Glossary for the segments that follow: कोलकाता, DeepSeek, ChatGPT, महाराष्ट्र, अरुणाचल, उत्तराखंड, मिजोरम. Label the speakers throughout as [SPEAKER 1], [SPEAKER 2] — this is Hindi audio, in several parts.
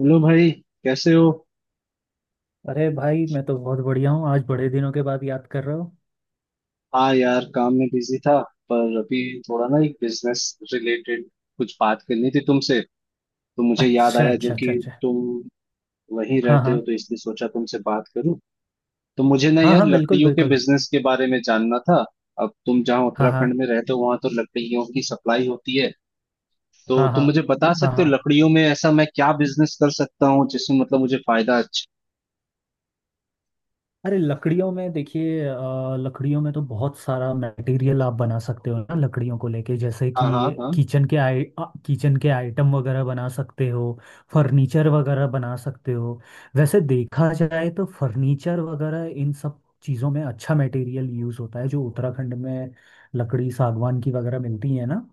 [SPEAKER 1] हेलो भाई। कैसे हो?
[SPEAKER 2] अरे भाई, मैं तो बहुत बढ़िया हूँ। आज बड़े दिनों के बाद याद कर रहे हो।
[SPEAKER 1] हाँ यार, काम में बिजी था। पर अभी थोड़ा ना एक बिजनेस रिलेटेड कुछ बात करनी थी तुमसे। तो मुझे याद
[SPEAKER 2] अच्छा
[SPEAKER 1] आया जो
[SPEAKER 2] अच्छा
[SPEAKER 1] कि
[SPEAKER 2] अच्छा अच्छा।
[SPEAKER 1] तुम वहीं
[SPEAKER 2] हाँ
[SPEAKER 1] रहते हो,
[SPEAKER 2] हाँ
[SPEAKER 1] तो इसलिए सोचा तुमसे बात करूं। तो मुझे ना
[SPEAKER 2] हाँ
[SPEAKER 1] यार
[SPEAKER 2] हाँ। बिल्कुल
[SPEAKER 1] लकड़ियों के
[SPEAKER 2] बिल्कुल।
[SPEAKER 1] बिजनेस के बारे में जानना था। अब तुम जहाँ
[SPEAKER 2] हाँ हाँ
[SPEAKER 1] उत्तराखंड में रहते हो वहां तो लकड़ियों की सप्लाई होती है। तो
[SPEAKER 2] हाँ हाँ
[SPEAKER 1] तुम मुझे बता
[SPEAKER 2] हाँ
[SPEAKER 1] सकते हो
[SPEAKER 2] हाँ।
[SPEAKER 1] लकड़ियों में ऐसा मैं क्या बिजनेस कर सकता हूँ जिसमें मतलब मुझे फायदा। अच्छा।
[SPEAKER 2] अरे लकड़ियों में देखिए, लकड़ियों में तो बहुत सारा मटेरियल आप बना सकते हो ना लकड़ियों को लेके, जैसे
[SPEAKER 1] हाँ हाँ
[SPEAKER 2] कि
[SPEAKER 1] हाँ।
[SPEAKER 2] किचन के किचन के आइटम वगैरह बना सकते हो। फर्नीचर वगैरह बना सकते हो। वैसे देखा जाए तो फर्नीचर वगैरह इन सब चीज़ों में अच्छा मटेरियल यूज़ होता है, जो उत्तराखंड में लकड़ी सागवान की वगैरह मिलती है ना।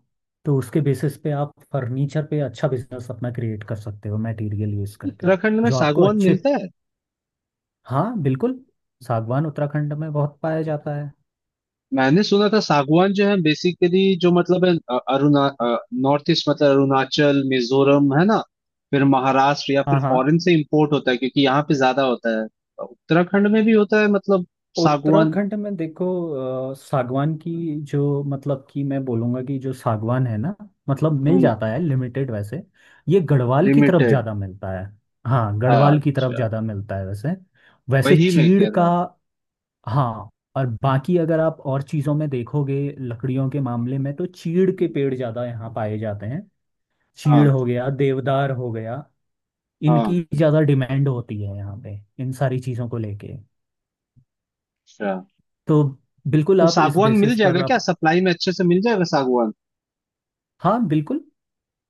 [SPEAKER 2] तो उसके बेसिस पे आप फर्नीचर पे अच्छा बिजनेस अपना क्रिएट कर सकते हो मटेरियल यूज़ करके।
[SPEAKER 1] उत्तराखंड में
[SPEAKER 2] जो आपको
[SPEAKER 1] सागवान
[SPEAKER 2] अच्छे।
[SPEAKER 1] मिलता है?
[SPEAKER 2] हाँ बिल्कुल। सागवान उत्तराखंड में बहुत पाया जाता है।
[SPEAKER 1] मैंने सुना था सागवान जो है बेसिकली जो मतलब है अ- अरुणा नॉर्थ ईस्ट, मतलब अरुणाचल मिजोरम, है ना? फिर महाराष्ट्र या फिर
[SPEAKER 2] हाँ हाँ।
[SPEAKER 1] फॉरेन से इंपोर्ट होता है क्योंकि यहाँ पे ज्यादा होता है। उत्तराखंड में भी होता है मतलब सागवान?
[SPEAKER 2] उत्तराखंड में देखो, सागवान की जो, मतलब कि मैं बोलूँगा कि जो सागवान है ना, मतलब मिल जाता है लिमिटेड वैसे। ये गढ़वाल की तरफ
[SPEAKER 1] लिमिटेड?
[SPEAKER 2] ज़्यादा मिलता है। हाँ
[SPEAKER 1] हाँ
[SPEAKER 2] गढ़वाल की तरफ
[SPEAKER 1] अच्छा।
[SPEAKER 2] ज़्यादा मिलता है वैसे। वैसे
[SPEAKER 1] वही मैं
[SPEAKER 2] चीड़
[SPEAKER 1] कह रहा
[SPEAKER 2] का।
[SPEAKER 1] हूँ।
[SPEAKER 2] हाँ। और बाकी अगर आप और चीज़ों में देखोगे, लकड़ियों के मामले में तो चीड़ के
[SPEAKER 1] हम्म।
[SPEAKER 2] पेड़ ज़्यादा यहाँ पाए जाते हैं। चीड़
[SPEAKER 1] हाँ
[SPEAKER 2] हो गया, देवदार हो गया।
[SPEAKER 1] हाँ।
[SPEAKER 2] इनकी ज़्यादा डिमांड होती है यहाँ पे इन सारी चीज़ों को लेके।
[SPEAKER 1] अच्छा
[SPEAKER 2] तो बिल्कुल
[SPEAKER 1] तो
[SPEAKER 2] आप इस
[SPEAKER 1] सागवान मिल
[SPEAKER 2] बेसिस
[SPEAKER 1] जाएगा
[SPEAKER 2] पर
[SPEAKER 1] क्या,
[SPEAKER 2] आप।
[SPEAKER 1] सप्लाई में अच्छे से मिल जाएगा सागवान?
[SPEAKER 2] हाँ बिल्कुल।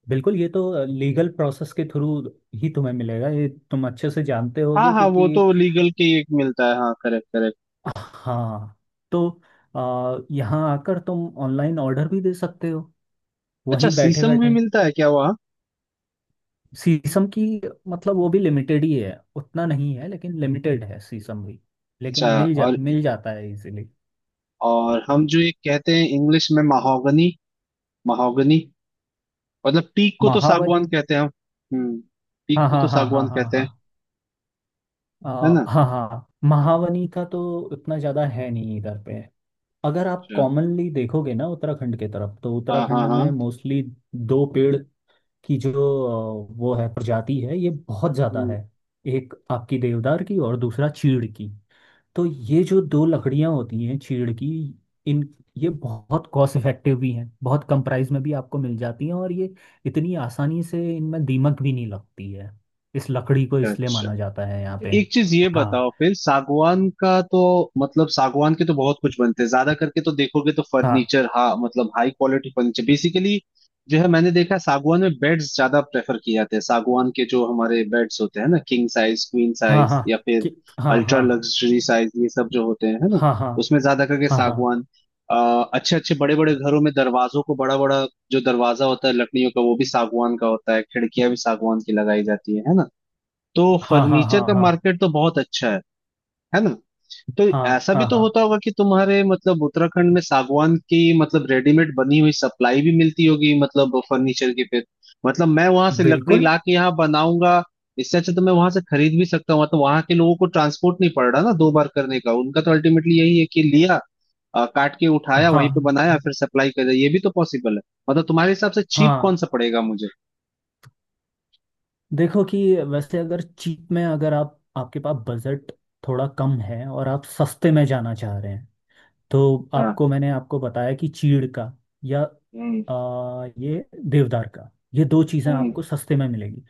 [SPEAKER 2] बिल्कुल, ये तो लीगल प्रोसेस के थ्रू ही तुम्हें मिलेगा, ये तुम अच्छे से जानते
[SPEAKER 1] हाँ
[SPEAKER 2] होगे,
[SPEAKER 1] हाँ वो
[SPEAKER 2] क्योंकि
[SPEAKER 1] तो लीगल के एक मिलता है, हाँ, करेक्ट करेक्ट।
[SPEAKER 2] हाँ। तो यहाँ आकर तुम ऑनलाइन ऑर्डर भी दे सकते हो
[SPEAKER 1] अच्छा,
[SPEAKER 2] वहीं बैठे
[SPEAKER 1] शीशम भी
[SPEAKER 2] बैठे।
[SPEAKER 1] मिलता है क्या वहाँ?
[SPEAKER 2] शीशम की, मतलब वो भी लिमिटेड ही है, उतना नहीं है लेकिन लिमिटेड है शीशम भी। लेकिन
[SPEAKER 1] अच्छा। और
[SPEAKER 2] मिल जाता है इजीली।
[SPEAKER 1] और हम जो ये कहते हैं इंग्लिश में महोगनी। महोगनी मतलब पीक को तो
[SPEAKER 2] महावनी।
[SPEAKER 1] सागवान कहते हैं हम। हम्म। पीक
[SPEAKER 2] हाँ
[SPEAKER 1] को तो
[SPEAKER 2] हाँ हाँ हाँ
[SPEAKER 1] सागवान
[SPEAKER 2] हाँ हाँ
[SPEAKER 1] कहते हैं,
[SPEAKER 2] हाँ। आ,
[SPEAKER 1] है ना?
[SPEAKER 2] हाँ हाँ, महावनी का तो उतना ज़्यादा है नहीं इधर पे। अगर आप
[SPEAKER 1] अच्छा।
[SPEAKER 2] कॉमनली देखोगे ना उत्तराखंड के तरफ, तो
[SPEAKER 1] हाँ
[SPEAKER 2] उत्तराखंड
[SPEAKER 1] हाँ हाँ।
[SPEAKER 2] में मोस्टली दो पेड़ की जो वो है, प्रजाति है, ये बहुत ज़्यादा
[SPEAKER 1] हम्म।
[SPEAKER 2] है। एक आपकी देवदार की और दूसरा चीड़ की। तो ये जो दो लकड़ियाँ होती हैं चीड़ की, इन ये बहुत कॉस्ट इफेक्टिव भी हैं, बहुत कम प्राइस में भी आपको मिल जाती हैं, और ये इतनी आसानी से इनमें दीमक भी नहीं लगती है इस लकड़ी को, इसलिए
[SPEAKER 1] अच्छा
[SPEAKER 2] माना जाता है यहाँ पे।
[SPEAKER 1] एक चीज ये
[SPEAKER 2] हाँ
[SPEAKER 1] बताओ फिर, सागवान का तो मतलब सागवान के तो बहुत कुछ बनते हैं, ज्यादा करके तो देखोगे तो
[SPEAKER 2] हाँ
[SPEAKER 1] फर्नीचर, हाँ मतलब हाई क्वालिटी फर्नीचर बेसिकली जो है, मैंने देखा है, सागवान में बेड्स ज्यादा प्रेफर किए जाते हैं, सागवान के जो हमारे बेड्स होते हैं ना, किंग साइज, क्वीन
[SPEAKER 2] हाँ
[SPEAKER 1] साइज,
[SPEAKER 2] हाँ।
[SPEAKER 1] या फिर
[SPEAKER 2] कि हाँ
[SPEAKER 1] अल्ट्रा
[SPEAKER 2] हाँ
[SPEAKER 1] लग्जरी साइज, ये सब जो होते हैं, है ना?
[SPEAKER 2] हाँ हाँ
[SPEAKER 1] उसमें ज्यादा करके
[SPEAKER 2] हाँ हाँ
[SPEAKER 1] सागवान। अच्छे अच्छे बड़े बड़े घरों में दरवाजों को बड़ा बड़ा, जो दरवाजा होता है लकड़ियों का वो भी सागवान का होता है, खिड़कियां भी सागवान की लगाई जाती है ना? तो
[SPEAKER 2] हाँ हाँ
[SPEAKER 1] फर्नीचर
[SPEAKER 2] हाँ
[SPEAKER 1] का
[SPEAKER 2] हाँ
[SPEAKER 1] मार्केट तो बहुत अच्छा है ना? तो
[SPEAKER 2] हाँ
[SPEAKER 1] ऐसा भी
[SPEAKER 2] हाँ
[SPEAKER 1] तो
[SPEAKER 2] हाँ
[SPEAKER 1] होता होगा कि तुम्हारे मतलब उत्तराखंड में सागवान की मतलब रेडीमेड बनी हुई सप्लाई भी मिलती होगी, मतलब फर्नीचर की फिर। मतलब मैं वहां से लकड़ी
[SPEAKER 2] बिल्कुल
[SPEAKER 1] ला के यहाँ बनाऊंगा, इससे अच्छा तो मैं वहां से खरीद भी सकता हूँ। तो वहां के लोगों को ट्रांसपोर्ट नहीं पड़ रहा ना दो बार करने का, उनका तो अल्टीमेटली यही है कि लिया, काट के उठाया, वहीं पे
[SPEAKER 2] हाँ
[SPEAKER 1] बनाया, फिर सप्लाई कर दिया। ये भी तो पॉसिबल है। मतलब तुम्हारे हिसाब से चीप कौन
[SPEAKER 2] हाँ।
[SPEAKER 1] सा पड़ेगा मुझे?
[SPEAKER 2] देखो कि वैसे अगर चीप में, अगर आप आपके पास बजट थोड़ा कम है और आप सस्ते में जाना चाह रहे हैं, तो
[SPEAKER 1] हाँ।
[SPEAKER 2] आपको मैंने आपको बताया कि चीड़ का या
[SPEAKER 1] हम्म।
[SPEAKER 2] ये देवदार का, ये दो चीज़ें
[SPEAKER 1] हम्म।
[SPEAKER 2] आपको सस्ते में मिलेगी।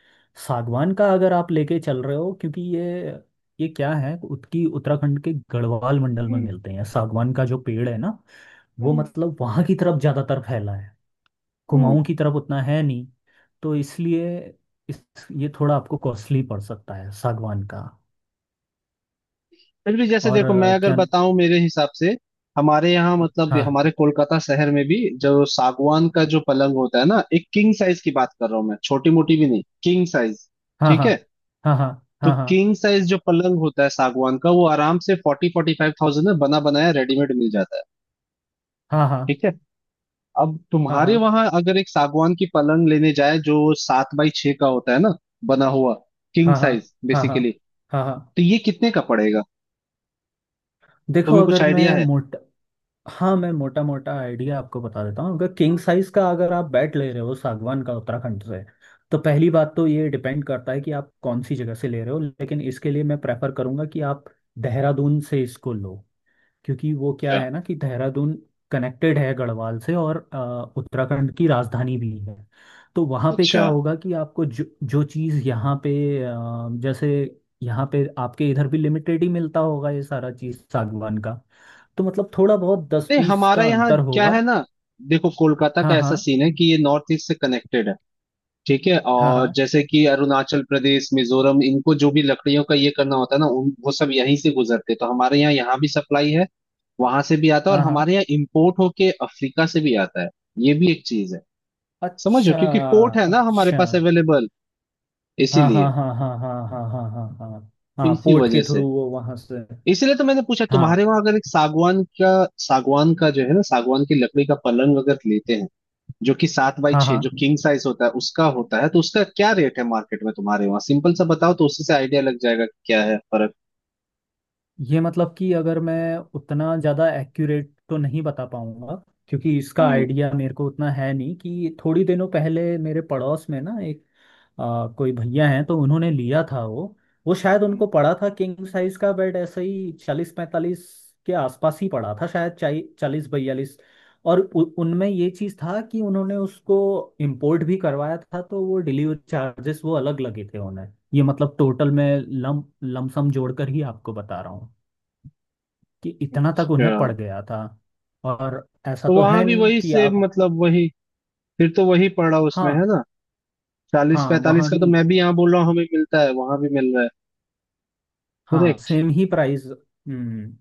[SPEAKER 2] सागवान का अगर आप लेके चल रहे हो क्योंकि ये क्या है उसकी, उत्तराखंड के गढ़वाल मंडल में
[SPEAKER 1] हम्म।
[SPEAKER 2] मिलते हैं सागवान का जो पेड़ है ना, वो
[SPEAKER 1] हम्म।
[SPEAKER 2] मतलब वहां की तरफ ज़्यादातर फैला है,
[SPEAKER 1] हम्म।
[SPEAKER 2] कुमाऊं की तरफ उतना है नहीं। तो इसलिए इस, ये थोड़ा आपको कॉस्टली पड़ सकता है सागवान का।
[SPEAKER 1] फिर भी जैसे
[SPEAKER 2] और
[SPEAKER 1] देखो मैं अगर
[SPEAKER 2] क्या।
[SPEAKER 1] बताऊं मेरे हिसाब से हमारे यहाँ मतलब
[SPEAKER 2] हाँ
[SPEAKER 1] हमारे कोलकाता शहर में भी जो सागवान का जो पलंग होता है ना, एक किंग साइज की बात कर रहा हूँ मैं, छोटी मोटी भी नहीं, किंग साइज।
[SPEAKER 2] हाँ
[SPEAKER 1] ठीक
[SPEAKER 2] हाँ
[SPEAKER 1] है।
[SPEAKER 2] हाँ हाँ
[SPEAKER 1] तो
[SPEAKER 2] हाँ हाँ
[SPEAKER 1] किंग साइज जो पलंग होता है सागवान का, वो आराम से 40-45 थाउजेंड में बना बनाया रेडीमेड मिल जाता है।
[SPEAKER 2] हाँ हाँ हाँ
[SPEAKER 1] ठीक है। अब
[SPEAKER 2] हाँ
[SPEAKER 1] तुम्हारे
[SPEAKER 2] हाँ
[SPEAKER 1] वहां अगर एक सागवान की पलंग लेने जाए, जो 7 बाई 6 का होता है ना, बना हुआ किंग
[SPEAKER 2] हाँ हाँ
[SPEAKER 1] साइज
[SPEAKER 2] हाँ हाँ
[SPEAKER 1] बेसिकली,
[SPEAKER 2] हाँ हाँ।
[SPEAKER 1] तो ये कितने का पड़ेगा?
[SPEAKER 2] देखो
[SPEAKER 1] तुम्हें कुछ
[SPEAKER 2] अगर
[SPEAKER 1] आइडिया
[SPEAKER 2] मैं
[SPEAKER 1] है?
[SPEAKER 2] मोटा। हाँ मैं मोटा मोटा आइडिया आपको बता देता हूँ। अगर किंग साइज का, अगर आप बेड ले रहे हो सागवान का उत्तराखंड से, तो पहली बात तो ये डिपेंड करता है कि आप कौन सी जगह से ले रहे हो, लेकिन इसके लिए मैं प्रेफर करूँगा कि आप देहरादून से इसको लो, क्योंकि वो क्या
[SPEAKER 1] अच्छा
[SPEAKER 2] है ना कि देहरादून कनेक्टेड है गढ़वाल से और उत्तराखंड की राजधानी भी है। तो वहाँ पे
[SPEAKER 1] अच्छा।
[SPEAKER 2] क्या होगा कि आपको जो जो चीज़ यहाँ पे जैसे, यहाँ पे आपके इधर भी लिमिटेड ही मिलता होगा ये सारा चीज़ सागवान का। तो मतलब थोड़ा बहुत दस
[SPEAKER 1] नहीं
[SPEAKER 2] बीस
[SPEAKER 1] हमारा
[SPEAKER 2] का
[SPEAKER 1] यहाँ
[SPEAKER 2] अंतर
[SPEAKER 1] क्या
[SPEAKER 2] होगा।
[SPEAKER 1] है ना, देखो कोलकाता का
[SPEAKER 2] हाँ हाँ
[SPEAKER 1] ऐसा सीन है कि ये नॉर्थ ईस्ट से कनेक्टेड है, ठीक है,
[SPEAKER 2] हाँ
[SPEAKER 1] और
[SPEAKER 2] हाँ
[SPEAKER 1] जैसे कि अरुणाचल प्रदेश मिजोरम इनको जो भी लकड़ियों का ये करना होता है ना उन वो सब यहीं से गुजरते हैं। तो हमारे यहाँ यहाँ भी सप्लाई है, वहां से भी आता है, और
[SPEAKER 2] हाँ हाँ।
[SPEAKER 1] हमारे यहाँ इम्पोर्ट होके अफ्रीका से भी आता है, ये भी एक चीज है समझो,
[SPEAKER 2] अच्छा
[SPEAKER 1] क्योंकि पोर्ट है ना हमारे
[SPEAKER 2] अच्छा।
[SPEAKER 1] पास अवेलेबल,
[SPEAKER 2] हाँ हाँ
[SPEAKER 1] इसीलिए।
[SPEAKER 2] हाँ हाँ हाँ हाँ हाँ हाँ हाँ
[SPEAKER 1] तो
[SPEAKER 2] हाँ,
[SPEAKER 1] इसी
[SPEAKER 2] पोर्ट
[SPEAKER 1] वजह
[SPEAKER 2] के
[SPEAKER 1] से,
[SPEAKER 2] थ्रू वो वहाँ से।
[SPEAKER 1] इसीलिए तो मैंने पूछा तुम्हारे
[SPEAKER 2] हाँ
[SPEAKER 1] वहां अगर एक सागवान का, सागवान का जो है ना, सागवान की लकड़ी का पलंग अगर लेते हैं जो कि सात बाई
[SPEAKER 2] हाँ
[SPEAKER 1] छह
[SPEAKER 2] हाँ।
[SPEAKER 1] जो किंग साइज होता है उसका होता है, तो उसका क्या रेट है मार्केट में तुम्हारे वहाँ, सिंपल सा बताओ, तो उसी से आइडिया लग जाएगा कि क्या है फर्क।
[SPEAKER 2] ये मतलब कि अगर मैं उतना ज़्यादा एक्यूरेट तो नहीं बता पाऊंगा, क्योंकि इसका
[SPEAKER 1] हम्म।
[SPEAKER 2] आइडिया मेरे को उतना है नहीं। कि थोड़ी दिनों पहले मेरे पड़ोस में ना एक कोई भैया हैं तो उन्होंने लिया था वो शायद उनको
[SPEAKER 1] हम्म।
[SPEAKER 2] पड़ा था किंग साइज का बेड, ऐसे ही 40-45 के आसपास ही पड़ा था, शायद 40-42। और उनमें ये चीज़ था कि उन्होंने उसको इम्पोर्ट भी करवाया था, तो वो डिलीवरी चार्जेस वो अलग लगे थे उन्हें, ये मतलब टोटल में लम लमसम जोड़कर ही आपको बता रहा हूँ कि इतना तक
[SPEAKER 1] अच्छा
[SPEAKER 2] उन्हें पड़ गया था। और ऐसा
[SPEAKER 1] तो
[SPEAKER 2] तो
[SPEAKER 1] वहां
[SPEAKER 2] है
[SPEAKER 1] भी
[SPEAKER 2] नहीं
[SPEAKER 1] वही
[SPEAKER 2] कि
[SPEAKER 1] सेम,
[SPEAKER 2] आप।
[SPEAKER 1] मतलब वही, फिर तो वही पड़ रहा उसमें, है
[SPEAKER 2] हाँ
[SPEAKER 1] ना? चालीस
[SPEAKER 2] हाँ
[SPEAKER 1] पैंतालीस
[SPEAKER 2] वहाँ
[SPEAKER 1] का
[SPEAKER 2] भी।
[SPEAKER 1] तो मैं भी यहाँ बोल रहा हूँ, हमें मिलता है, वहां भी मिल रहा है।
[SPEAKER 2] हाँ
[SPEAKER 1] करेक्ट।
[SPEAKER 2] सेम ही प्राइस। हम्म।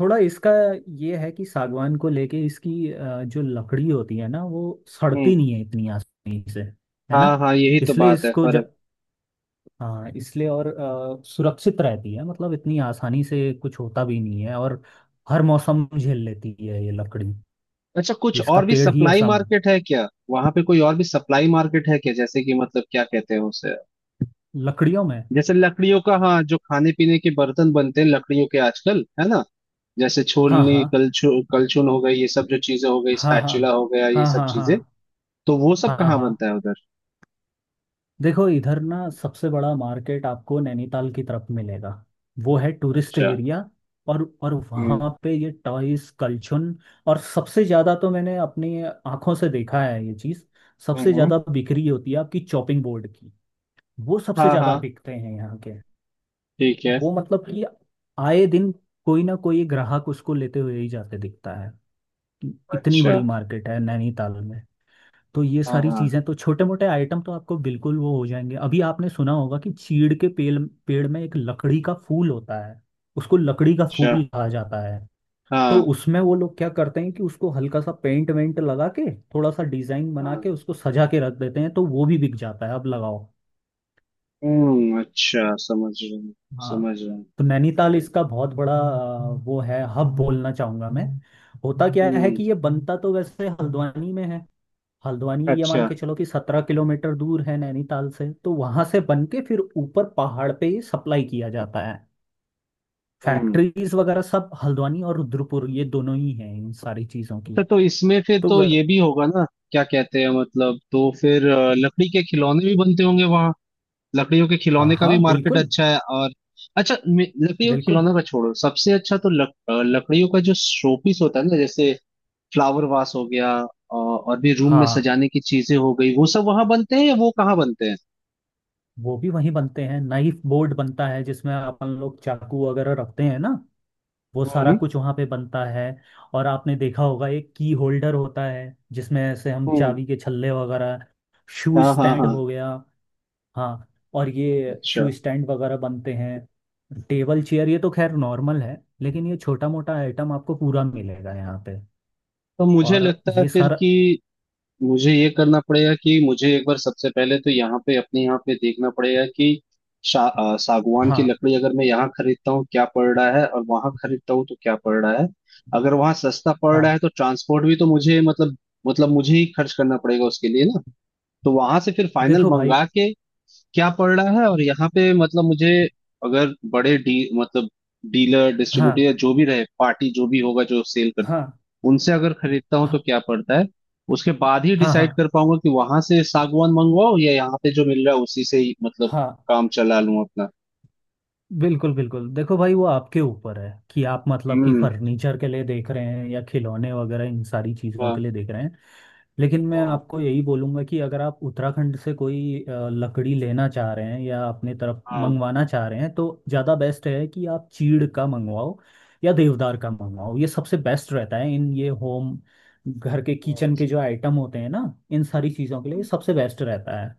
[SPEAKER 2] थोड़ा इसका ये है कि सागवान को लेके इसकी जो लकड़ी होती है ना, वो
[SPEAKER 1] हम्म।
[SPEAKER 2] सड़ती नहीं है इतनी आसानी से, है
[SPEAKER 1] हाँ
[SPEAKER 2] ना।
[SPEAKER 1] हाँ यही तो
[SPEAKER 2] इसलिए
[SPEAKER 1] बात है
[SPEAKER 2] इसको ज,
[SPEAKER 1] फर्क।
[SPEAKER 2] हाँ इसलिए, और सुरक्षित रहती है, मतलब इतनी आसानी से कुछ होता भी नहीं है, और हर मौसम झेल लेती है ये लकड़ी।
[SPEAKER 1] अच्छा कुछ
[SPEAKER 2] इसका
[SPEAKER 1] और भी
[SPEAKER 2] पेड़ ही
[SPEAKER 1] सप्लाई
[SPEAKER 2] ऐसा मन।
[SPEAKER 1] मार्केट है क्या वहां पे, कोई और भी सप्लाई मार्केट है क्या, जैसे कि मतलब क्या कहते हैं उसे,
[SPEAKER 2] लकड़ियों में।
[SPEAKER 1] जैसे लकड़ियों का, हाँ, जो खाने पीने के बर्तन बनते हैं लकड़ियों के आजकल, है ना? जैसे
[SPEAKER 2] हाँ
[SPEAKER 1] छोलनी,
[SPEAKER 2] हाँ
[SPEAKER 1] कलछू, कलछुल हो गई, ये सब जो चीजें हो गई,
[SPEAKER 2] हाँ हाँ
[SPEAKER 1] स्पैचुला हो गया, ये सब
[SPEAKER 2] हाँ
[SPEAKER 1] चीजें,
[SPEAKER 2] हाँ
[SPEAKER 1] तो वो सब
[SPEAKER 2] हाँ हाँ
[SPEAKER 1] कहाँ
[SPEAKER 2] हाँ।
[SPEAKER 1] बनता है उधर?
[SPEAKER 2] देखो इधर ना सबसे बड़ा मार्केट आपको नैनीताल की तरफ मिलेगा, वो है टूरिस्ट
[SPEAKER 1] अच्छा।
[SPEAKER 2] एरिया। और
[SPEAKER 1] हम्म।
[SPEAKER 2] वहाँ पे ये टॉयज कलछुन, और सबसे ज़्यादा तो मैंने अपनी आंखों से देखा है ये चीज़,
[SPEAKER 1] हम्म।
[SPEAKER 2] सबसे
[SPEAKER 1] हम्म।
[SPEAKER 2] ज़्यादा बिक्री होती है आपकी चॉपिंग बोर्ड की। वो सबसे
[SPEAKER 1] हाँ हाँ।
[SPEAKER 2] ज़्यादा बिकते हैं यहाँ के।
[SPEAKER 1] ठीक है।
[SPEAKER 2] वो मतलब कि आए दिन कोई ना कोई ग्राहक उसको लेते हुए ही जाते दिखता है, इतनी
[SPEAKER 1] अच्छा।
[SPEAKER 2] बड़ी मार्केट है नैनीताल में। तो ये
[SPEAKER 1] हाँ
[SPEAKER 2] सारी चीजें
[SPEAKER 1] हाँ।
[SPEAKER 2] तो, छोटे मोटे आइटम तो आपको बिल्कुल वो हो जाएंगे। अभी आपने सुना होगा कि चीड़ के पेड़ पेड़ में एक लकड़ी का फूल होता है, उसको लकड़ी का
[SPEAKER 1] अच्छा।
[SPEAKER 2] फूल कहा जाता है। तो
[SPEAKER 1] हाँ
[SPEAKER 2] उसमें वो लोग क्या करते हैं कि उसको हल्का सा पेंट वेंट लगा के, थोड़ा सा डिजाइन बना
[SPEAKER 1] हाँ।
[SPEAKER 2] के उसको सजा के रख देते हैं, तो वो भी बिक जाता है, अब लगाओ।
[SPEAKER 1] हम्म। अच्छा समझ रहा हूँ।
[SPEAKER 2] हाँ।
[SPEAKER 1] समझ रहा हूँ।
[SPEAKER 2] तो नैनीताल इसका बहुत बड़ा वो है, हब बोलना चाहूंगा मैं। होता क्या है
[SPEAKER 1] हम्म।
[SPEAKER 2] कि ये बनता तो वैसे हल्द्वानी में है। हल्द्वानी, ये मान
[SPEAKER 1] अच्छा।
[SPEAKER 2] के चलो कि 17 किलोमीटर दूर है नैनीताल से, तो वहां से बन के फिर ऊपर पहाड़ पे ये सप्लाई किया जाता है।
[SPEAKER 1] हम्म।
[SPEAKER 2] फैक्ट्रीज वगैरह सब हल्द्वानी और रुद्रपुर, ये दोनों ही हैं इन सारी चीजों की।
[SPEAKER 1] अच्छा तो इसमें फिर
[SPEAKER 2] तो
[SPEAKER 1] तो
[SPEAKER 2] व...
[SPEAKER 1] ये भी होगा ना, क्या कहते हैं मतलब, तो फिर लकड़ी के खिलौने भी बनते होंगे। लकड़ियों के
[SPEAKER 2] हाँ
[SPEAKER 1] खिलौने का भी
[SPEAKER 2] हाँ
[SPEAKER 1] मार्केट
[SPEAKER 2] बिल्कुल
[SPEAKER 1] अच्छा है और अच्छा, लकड़ियों के
[SPEAKER 2] बिल्कुल।
[SPEAKER 1] खिलौनों का छोड़ो, सबसे अच्छा तो लकड़ियों का जो शोपीस होता है ना, जैसे फ्लावर वास हो गया, और भी रूम में
[SPEAKER 2] हाँ
[SPEAKER 1] सजाने की चीजें हो गई, वो सब वहां बनते हैं या वो कहाँ बनते हैं?
[SPEAKER 2] वो भी वहीं बनते हैं, नाइफ बोर्ड बनता है जिसमें अपन लोग चाकू वगैरह रखते हैं ना, वो सारा
[SPEAKER 1] हम्म।
[SPEAKER 2] कुछ वहां पे बनता है। और आपने देखा होगा एक की होल्डर होता है जिसमें ऐसे हम
[SPEAKER 1] हम्म।
[SPEAKER 2] चाबी के छल्ले वगैरह। शू
[SPEAKER 1] हाँ हाँ
[SPEAKER 2] स्टैंड
[SPEAKER 1] हाँ।
[SPEAKER 2] हो गया। हाँ। और ये
[SPEAKER 1] अच्छा
[SPEAKER 2] शू स्टैंड वगैरह बनते हैं, टेबल चेयर ये तो खैर नॉर्मल है। लेकिन ये छोटा मोटा आइटम आपको पूरा मिलेगा यहाँ पे।
[SPEAKER 1] तो मुझे
[SPEAKER 2] और
[SPEAKER 1] लगता है
[SPEAKER 2] ये
[SPEAKER 1] फिर
[SPEAKER 2] सर।
[SPEAKER 1] कि मुझे ये करना पड़ेगा कि मुझे एक बार सबसे पहले तो यहाँ पे अपने यहाँ पे देखना पड़ेगा कि सागवान की
[SPEAKER 2] हाँ
[SPEAKER 1] लकड़ी अगर मैं यहाँ खरीदता हूँ क्या पड़ रहा है और वहां खरीदता हूँ तो क्या पड़ रहा है, अगर वहां सस्ता पड़ रहा है
[SPEAKER 2] हाँ।
[SPEAKER 1] तो ट्रांसपोर्ट भी तो मुझे मतलब, मतलब मुझे ही खर्च करना पड़ेगा उसके लिए ना, तो वहां से फिर फाइनल
[SPEAKER 2] देखो भाई।
[SPEAKER 1] मंगा के क्या पड़ रहा है, और यहाँ पे मतलब मुझे अगर बड़े डी मतलब डीलर डिस्ट्रीब्यूटर
[SPEAKER 2] हाँ
[SPEAKER 1] या जो भी रहे पार्टी जो भी होगा जो सेल,
[SPEAKER 2] हाँ
[SPEAKER 1] उनसे अगर खरीदता हूँ तो
[SPEAKER 2] हाँ
[SPEAKER 1] क्या पड़ता है, उसके बाद ही
[SPEAKER 2] हाँ हाँ
[SPEAKER 1] डिसाइड कर पाऊंगा कि वहां से सागवान मंगवाओ या यहाँ पे जो मिल रहा है उसी से ही मतलब
[SPEAKER 2] हाँ।
[SPEAKER 1] काम चला लूं अपना।
[SPEAKER 2] बिल्कुल बिल्कुल, देखो भाई, वो आपके ऊपर है कि आप मतलब कि
[SPEAKER 1] हम्म।
[SPEAKER 2] फर्नीचर के लिए देख रहे हैं या खिलौने वगैरह इन सारी चीज़ों के
[SPEAKER 1] हाँ
[SPEAKER 2] लिए देख रहे हैं। लेकिन मैं
[SPEAKER 1] हाँ
[SPEAKER 2] आपको यही बोलूँगा कि अगर आप उत्तराखंड से कोई लकड़ी लेना चाह रहे हैं या अपने तरफ
[SPEAKER 1] हाँ।
[SPEAKER 2] मंगवाना चाह रहे हैं, तो ज़्यादा बेस्ट है कि आप चीड़ का मंगवाओ या देवदार का मंगवाओ। ये सबसे बेस्ट रहता है इन ये होम, घर के
[SPEAKER 1] हम्म।
[SPEAKER 2] किचन के जो आइटम होते हैं ना, इन सारी चीज़ों के लिए ये सबसे बेस्ट रहता है।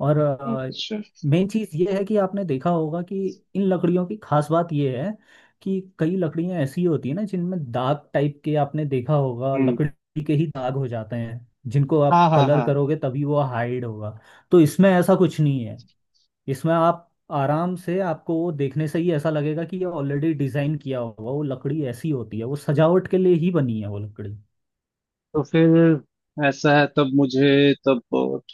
[SPEAKER 2] और
[SPEAKER 1] अच्छा।
[SPEAKER 2] मेन चीज ये है कि आपने देखा होगा कि इन लकड़ियों की खास बात ये है कि कई लकड़ियां ऐसी होती है ना जिनमें दाग टाइप के, आपने देखा होगा
[SPEAKER 1] हम्म।
[SPEAKER 2] लकड़ी के ही दाग हो जाते हैं, जिनको आप
[SPEAKER 1] हाँ हाँ
[SPEAKER 2] कलर
[SPEAKER 1] हाँ।
[SPEAKER 2] करोगे तभी वो हाइड होगा। तो इसमें ऐसा कुछ नहीं है, इसमें आप आराम से, आपको वो देखने से ही ऐसा लगेगा कि ये ऑलरेडी डिजाइन किया होगा, वो लकड़ी ऐसी होती है, वो सजावट के लिए ही बनी है वो लकड़ी।
[SPEAKER 1] तो फिर ऐसा है, तब मुझे तब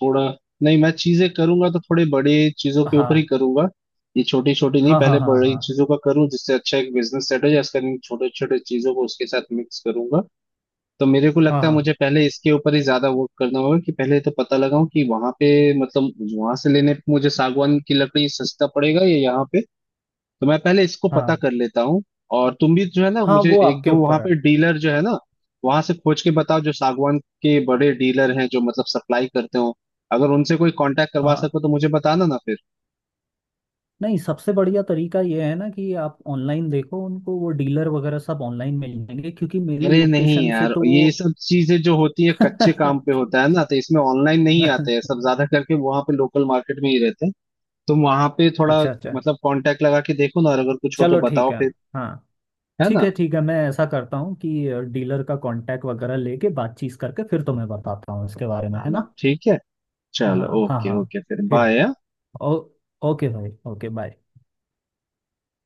[SPEAKER 1] थोड़ा, नहीं मैं चीजें करूंगा तो थोड़े बड़े चीजों के ऊपर ही
[SPEAKER 2] हाँ
[SPEAKER 1] करूंगा, ये छोटी छोटी नहीं,
[SPEAKER 2] हाँ
[SPEAKER 1] पहले
[SPEAKER 2] हाँ हाँ
[SPEAKER 1] बड़ी
[SPEAKER 2] हाँ
[SPEAKER 1] चीजों का करूं जिससे अच्छा एक बिजनेस सेट हो जाए इसका, नहीं छोटे छोटे चीजों को उसके साथ मिक्स करूंगा। तो मेरे को
[SPEAKER 2] हाँ
[SPEAKER 1] लगता है
[SPEAKER 2] हाँ
[SPEAKER 1] मुझे पहले इसके ऊपर ही ज्यादा वर्क करना होगा, कि पहले तो पता लगाऊं कि वहां पे मतलब वहां से लेने पे मुझे सागवान की लकड़ी सस्ता पड़ेगा या यहाँ पे। तो मैं पहले इसको पता
[SPEAKER 2] हाँ
[SPEAKER 1] कर लेता हूँ। और तुम भी जो है ना,
[SPEAKER 2] हाँ।
[SPEAKER 1] मुझे
[SPEAKER 2] वो
[SPEAKER 1] एक
[SPEAKER 2] आपके
[SPEAKER 1] दो वहां
[SPEAKER 2] ऊपर है।
[SPEAKER 1] पे डीलर जो है ना वहां से खोज के बताओ जो सागवान के बड़े डीलर हैं जो मतलब सप्लाई करते हो, अगर उनसे कोई कांटेक्ट करवा
[SPEAKER 2] हाँ।
[SPEAKER 1] सको तो मुझे बताना ना फिर।
[SPEAKER 2] नहीं, सबसे बढ़िया तरीका ये है ना कि आप ऑनलाइन देखो उनको, वो डीलर वगैरह सब ऑनलाइन मिल जाएंगे, क्योंकि मेरी
[SPEAKER 1] अरे नहीं
[SPEAKER 2] लोकेशन से
[SPEAKER 1] यार,
[SPEAKER 2] तो वो
[SPEAKER 1] ये सब चीजें जो होती है कच्चे काम पे होता है ना, तो इसमें ऑनलाइन नहीं आते हैं, सब ज्यादा करके वहां पे लोकल मार्केट में ही रहते हैं। तुम वहां पे थोड़ा
[SPEAKER 2] अच्छा अच्छा।
[SPEAKER 1] मतलब कांटेक्ट लगा के देखो ना, और अगर कुछ हो तो
[SPEAKER 2] चलो ठीक
[SPEAKER 1] बताओ
[SPEAKER 2] है।
[SPEAKER 1] फिर,
[SPEAKER 2] हाँ
[SPEAKER 1] है
[SPEAKER 2] ठीक
[SPEAKER 1] ना?
[SPEAKER 2] है ठीक है, मैं ऐसा करता हूँ कि डीलर का कांटेक्ट वगैरह लेके बातचीत करके फिर तुम्हें बताता हूँ इसके बारे में, है
[SPEAKER 1] बताना।
[SPEAKER 2] ना।
[SPEAKER 1] ठीक है।
[SPEAKER 2] हाँ
[SPEAKER 1] चलो
[SPEAKER 2] हाँ
[SPEAKER 1] ओके
[SPEAKER 2] हाँ।
[SPEAKER 1] ओके फिर
[SPEAKER 2] फिर
[SPEAKER 1] बाय।
[SPEAKER 2] ओ, ओके भाई, ओके बाय।